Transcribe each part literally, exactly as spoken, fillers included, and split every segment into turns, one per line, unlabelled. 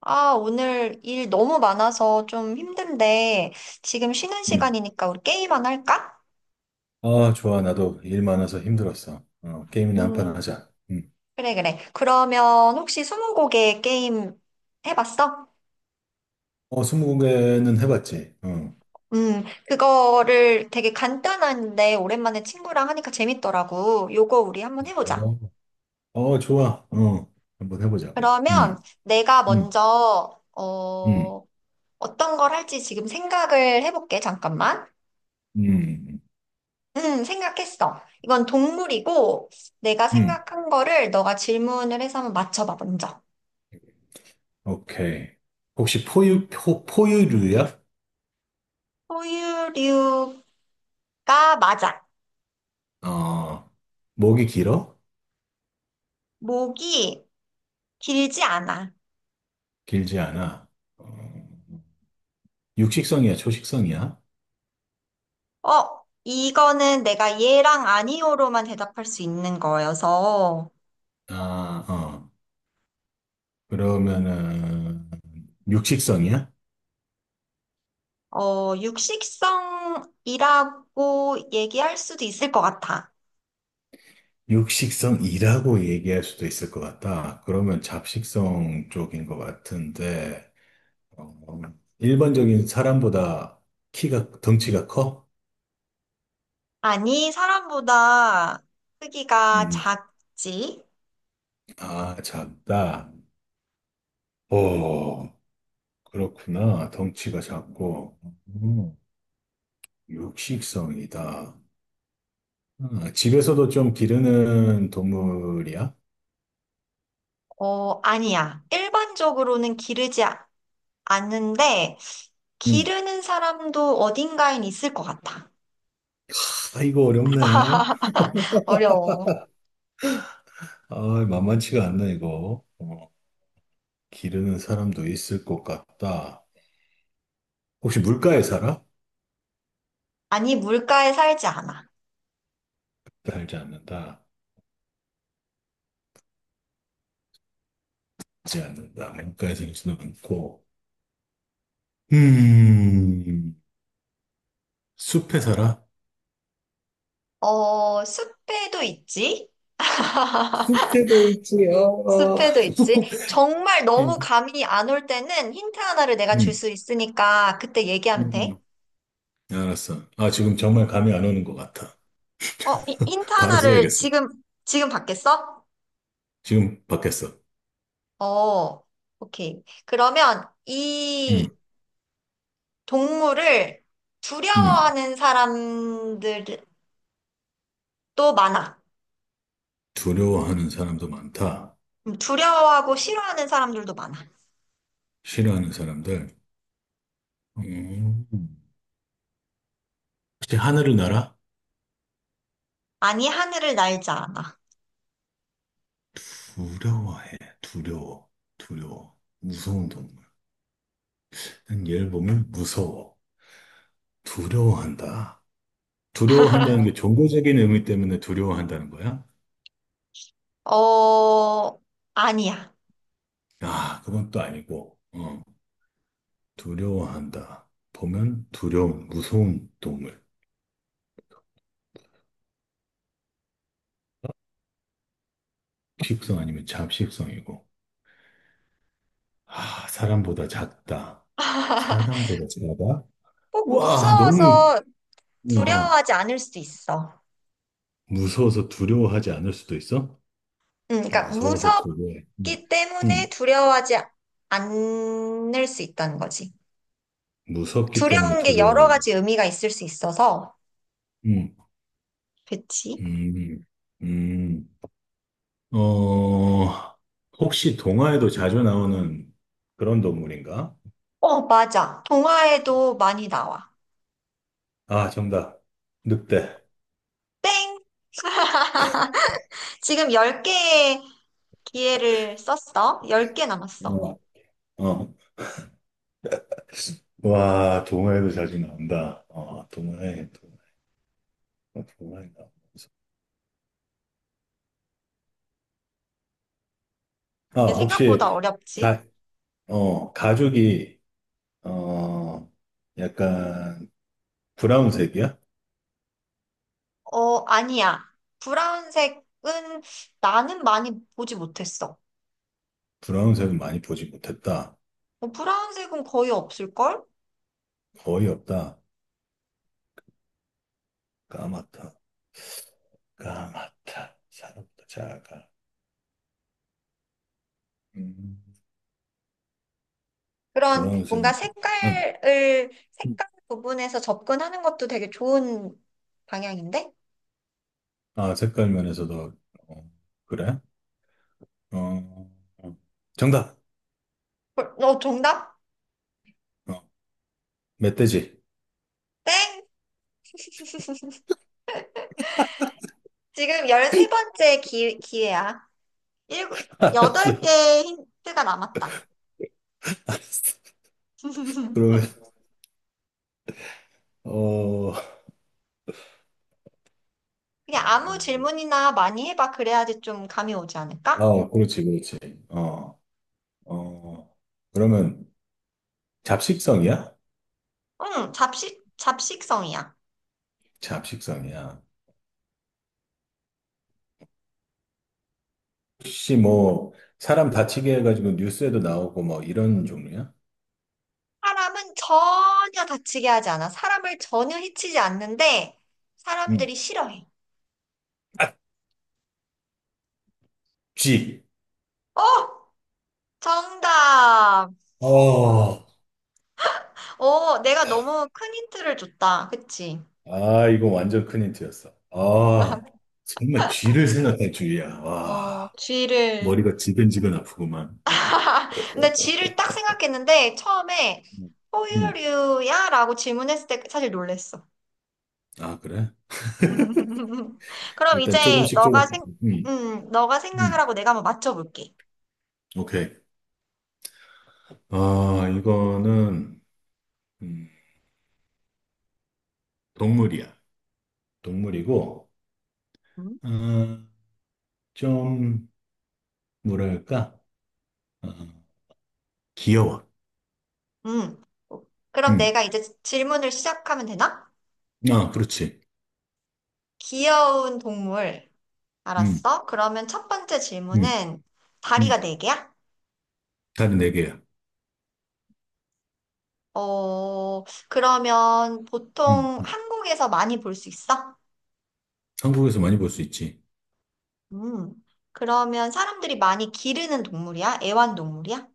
아, 오늘 일 너무 많아서 좀 힘든데, 지금 쉬는
음.
시간이니까 우리 게임 안 할까?
아, 좋아. 나도 일 많아서 힘들었어. 어, 게임이나 한 판
음,
하자. 음.
그래, 그래. 그러면 혹시 스무고개 게임 해봤어?
어, 스무고개는 해봤지. 어,
음, 그거를 되게 간단한데, 오랜만에 친구랑 하니까 재밌더라고. 요거 우리 한번 해보자.
어, 어, 좋아. 어, 한번 해보자고.
그러면
음,
내가
음,
먼저,
음,
어, 어떤 걸 할지 지금 생각을 해볼게. 잠깐만.
음,
음, 생각했어. 이건 동물이고, 내가
음.
생각한 거를 너가 질문을 해서 한번 맞춰봐, 먼저.
오케이. 혹시 포유, 포, 포유류야?
포유류가 맞아.
어, 목이 길어?
목이 길지 않아.
길지 않아? 어, 육식성이야? 초식성이야?
어, 이거는 내가 예랑 아니오로만 대답할 수 있는 거여서,
아, 어. 그러면은, 육식성이야?
어, 육식성이라고 얘기할 수도 있을 것 같아.
육식성이라고 얘기할 수도 있을 것 같다. 그러면 잡식성 쪽인 것 같은데, 어, 일반적인 사람보다 키가, 덩치가 커?
아니, 사람보다 크기가
음,
작지?
아, 작다. 오, 그렇구나. 덩치가 작고, 음, 육식성이다. 아, 집에서도 좀 기르는 동물이야?
어, 아니야. 일반적으로는 기르지 아는데
음.
기르는 사람도 어딘가엔 있을 것 같아.
아, 이거 어렵네.
어려워.
아, 만만치가 않네, 이거. 어, 기르는 사람도 있을 것 같다. 혹시 물가에 살아?
아니, 물가에 살지 않아.
살지 않는다. 살지 않는다. 물가에 살지는 않고. 음, 숲에 살아?
어, 숲에도 있지?
숲에도 있지요. 어.
숲에도 있지? 정말 너무
음,
감이 안 올 때는 힌트 하나를 내가 줄
음,
수 있으니까 그때 얘기하면 돼.
음. 알았어. 아, 지금 정말 감이 안 오는 것 같아.
어, 히- 힌트
바로
하나를
써야겠어.
지금, 지금 받겠어?
지금 받겠어.
어, 오케이. 그러면
음,
이 동물을
음.
두려워하는 사람들도 많아.
두려워하는 사람도 많다.
음, 두려워하고 싫어하는 사람들도 많아.
싫어하는 사람들. 음. 혹시 하늘을 날아?
아니, 하늘을 날지 않아.
두려워해. 두려워. 두려워. 무서운 동물. 얘를 보면 무서워, 두려워한다. 두려워한다는 게 종교적인 의미 때문에 두려워한다는 거야?
어, 아니야.
아, 그건 또 아니고, 어, 두려워한다. 보면 두려운, 무서운 동물. 식성 아니면 잡식성이고. 아, 사람보다 작다. 사람보다 작아?
꼭
와, 너무,
무서워서
어, 어.
두려워하지 않을 수 있어.
무서워서 두려워하지 않을 수도 있어?
음, 그러니까
무서워서 두려워해. 음,
무섭기 때문에
음,
두려워하지 않을 수 있다는 거지.
무섭기 때문에
두려운 게 여러
두려워해.
가지 의미가 있을 수 있어서.
음,
그치?
음, 음. 어, 혹시 동화에도 자주 나오는 그런 동물인가?
어, 맞아. 동화에도 많이 나와.
아, 정답. 늑대.
땡! 지금 열 개의 기회를 썼어. 열 개 남았어.
어, 어. 와, 동화에도 자주 나온다. 어, 동화에, 동화에, 동화에 나오면서. 아,
이게 생각보다
혹시,
어렵지?
가, 어, 가죽이, 어, 약간, 브라운색이야?
어, 아니야. 브라운색은 나는 많이 보지 못했어.
브라운색은 많이 보지 못했다.
뭐 브라운색은 거의 없을걸?
거의 없다. 까맣다. 까맣다. 사람보다 작아. 음,
그런 뭔가
브라운색은, 보지. 응.
색깔을, 색깔 부분에서 접근하는 것도 되게 좋은 방향인데?
아, 색깔 면에서도, 어, 그래? 어, 어. 정답!
어, 어, 정답?
어, 멧돼지.
땡! 지금 열세 번째 기, 기회야. 일곱, 덟개
알았어,
의 힌트가 남았다.
알았어. 그러면, 어,
그냥 아무 질문이나 많이 해봐. 그래야지 좀 감이 오지 않을까?
어, 아, 그렇지, 그렇지. 어, 어, 그러면 잡식성이야?
응, 잡식, 잡식성이야.
잡식성이야. 혹시 뭐, 사람 다치게 해가지고 뉴스에도 나오고 뭐 이런 종류야?
사람은 전혀 다치게 하지 않아. 사람을 전혀 해치지 않는데
응.
사람들이 싫어해.
아, 쥐!
어! 정답!
어,
어, 내가 너무 큰 힌트를 줬다. 그치?
아, 이거 완전 큰 힌트였어. 아, 정말 쥐를 생각할 줄이야.
어,
와.
쥐를.
머리가 지근지근 아프구만. 어.
근데 쥐를 딱 생각했는데 처음에
음. 음.
포유류야? 라고 질문했을 때 사실 놀랬어.
아, 그래?
그럼
일단
이제
조금씩
너가
조금씩.
생,
음.
음, 너가 생각을
음.
하고 내가 한번 맞춰볼게.
오케이. 아, 이거는 음, 동물이야. 동물이고 아, 좀 뭐랄까? 아, 귀여워.
음. 그럼
음.
내가 이제 질문을 시작하면 되나?
아, 그렇지.
귀여운 동물.
음.
알았어. 그러면 첫 번째
음.
질문은
음.
다리가 네 개야?
다리 네 개야.
어, 그러면
음.
보통
음.
한국에서 많이 볼 수 있어?
한국에서 많이 볼 수 있지.
음. 그러면 사람들이 많이 기르는 동물이야? 애완동물이야?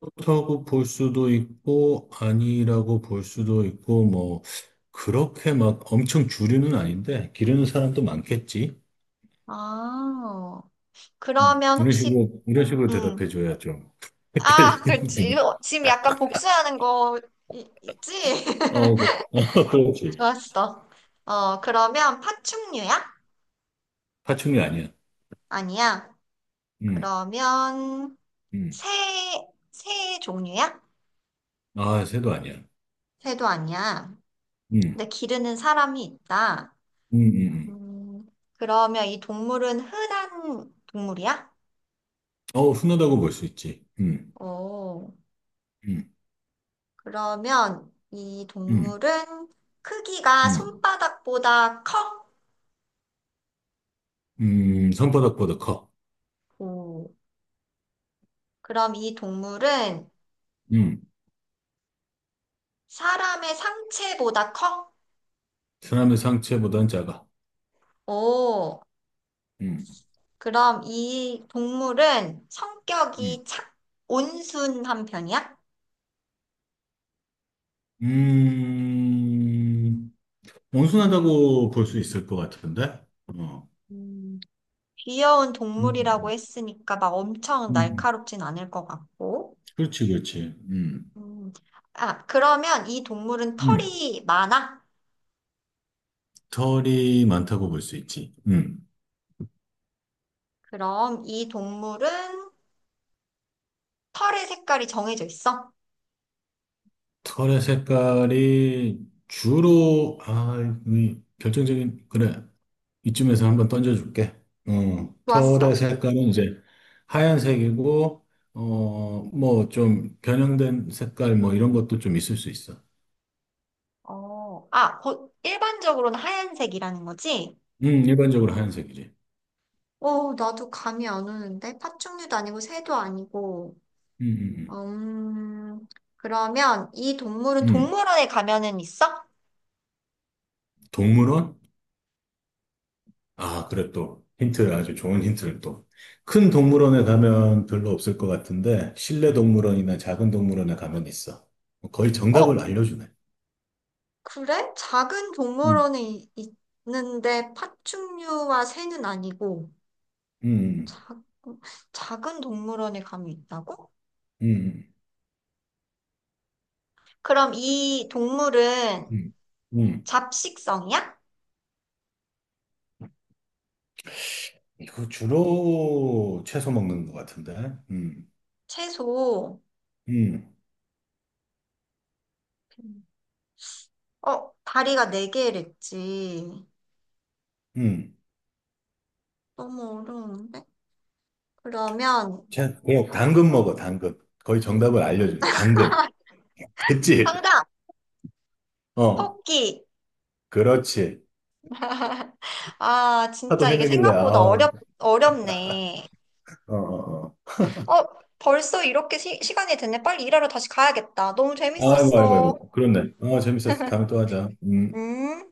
그렇다고 볼 수도 있고, 아니라고 볼 수도 있고, 뭐, 그렇게 막 엄청 주류는 아닌데, 기르는 사람도 많겠지.
아,
음,
그러면
이런
혹시,
식으로, 이런 식으로
음.
대답해 줘야 좀 헷갈
아,
리 는
그렇지.
구
어, 지금 약간 복수하는 거 이- 있지?
어, 그- 어, 그렇지.
좋았어. 어, 그러면 파충류야?
파충류 아니야.
아니야.
음,
그러면
음.
새, 새 종류야?
아, 새도 아니야.
새도 아니야.
음,
근데 기르는 사람이 있다.
음, 음. 음.
음, 그러면 이 동물은 흔한 동물이야?
어, 흔하다고 볼 수 있지. 음,
오,
음,
그러면 이
음,
동물은 크기가
음.
손바닥보다 커?
음, 손바닥보다 커.
오, 그럼 이 동물은
음,
사람의 상체보다 커?
사람의 상체보단 작아.
오,
음,
그럼 이 동물은
음.
성격이 착, 온순한 편이야?
음, 온순하다고 볼 수 있을 것 같은데? 어,
음, 귀여운 동물이라고
음,
했으니까 막 엄청
음, 음.
날카롭진 않을 것 같고.
그렇지, 그렇지. 음,
음, 아, 그러면 이 동물은
음,
털이 많아?
털이 많다고 볼 수 있지. 음,
그럼 이 동물은 털의 색깔이 정해져 있어?
털의 색깔이 주로, 아, 이 결정적인, 그래. 이쯤에서 한번 던져줄게. 어,
좋았어.
털의 색깔은 이제 하얀색이고, 어, 뭐 좀 변형된 색깔 뭐 이런 것도 좀 있을 수 있어.
어, 아, 보- 일반적으로는 하얀색이라는 거지?
음, 일반적으로 하얀색이지.
어, 나도 감이 안 오는데? 파충류도 아니고 새도 아니고.
음, 음, 음.
음, 그러면 이 동물은
음,
동물원에 가면은 있어?
동물원? 아, 그래 또. 힌트, 아주 좋은 힌트를 또. 큰 동물원에 가면 별로 없을 것 같은데, 실내 동물원이나 작은 동물원에 가면 있어. 거의
어,
정답을 알려주네.
그래? 작은
음,
동물원에 이- 있는데 파충류와 새는 아니고
음,
작, 작은 동물원에 감이 있다고?
음,
그럼 이 동물은
음, 음. 음.
잡식성이야?
이거 주로 채소 먹는 것 같은데. 음,
채소.
음,
어, 다리가 네 개랬지.
음.
너무 어려운데? 그러면
채, 어, 당근 먹어, 당근. 거의 정답을 알려주네. 당근. 됐지?
정답!
어,
토끼.
그렇지.
아,
하도
진짜 이게
헤매길래, 아,
생각보다
어,
어렵, 어렵네.
어, 어.
어, 벌써 이렇게 시, 시간이 됐네. 빨리 일하러 다시 가야겠다. 너무
아이고, 아이고,
재밌었어.
아이고. 그렇네. 어, 재밌었어. 다음에 또 하자. 음.
응?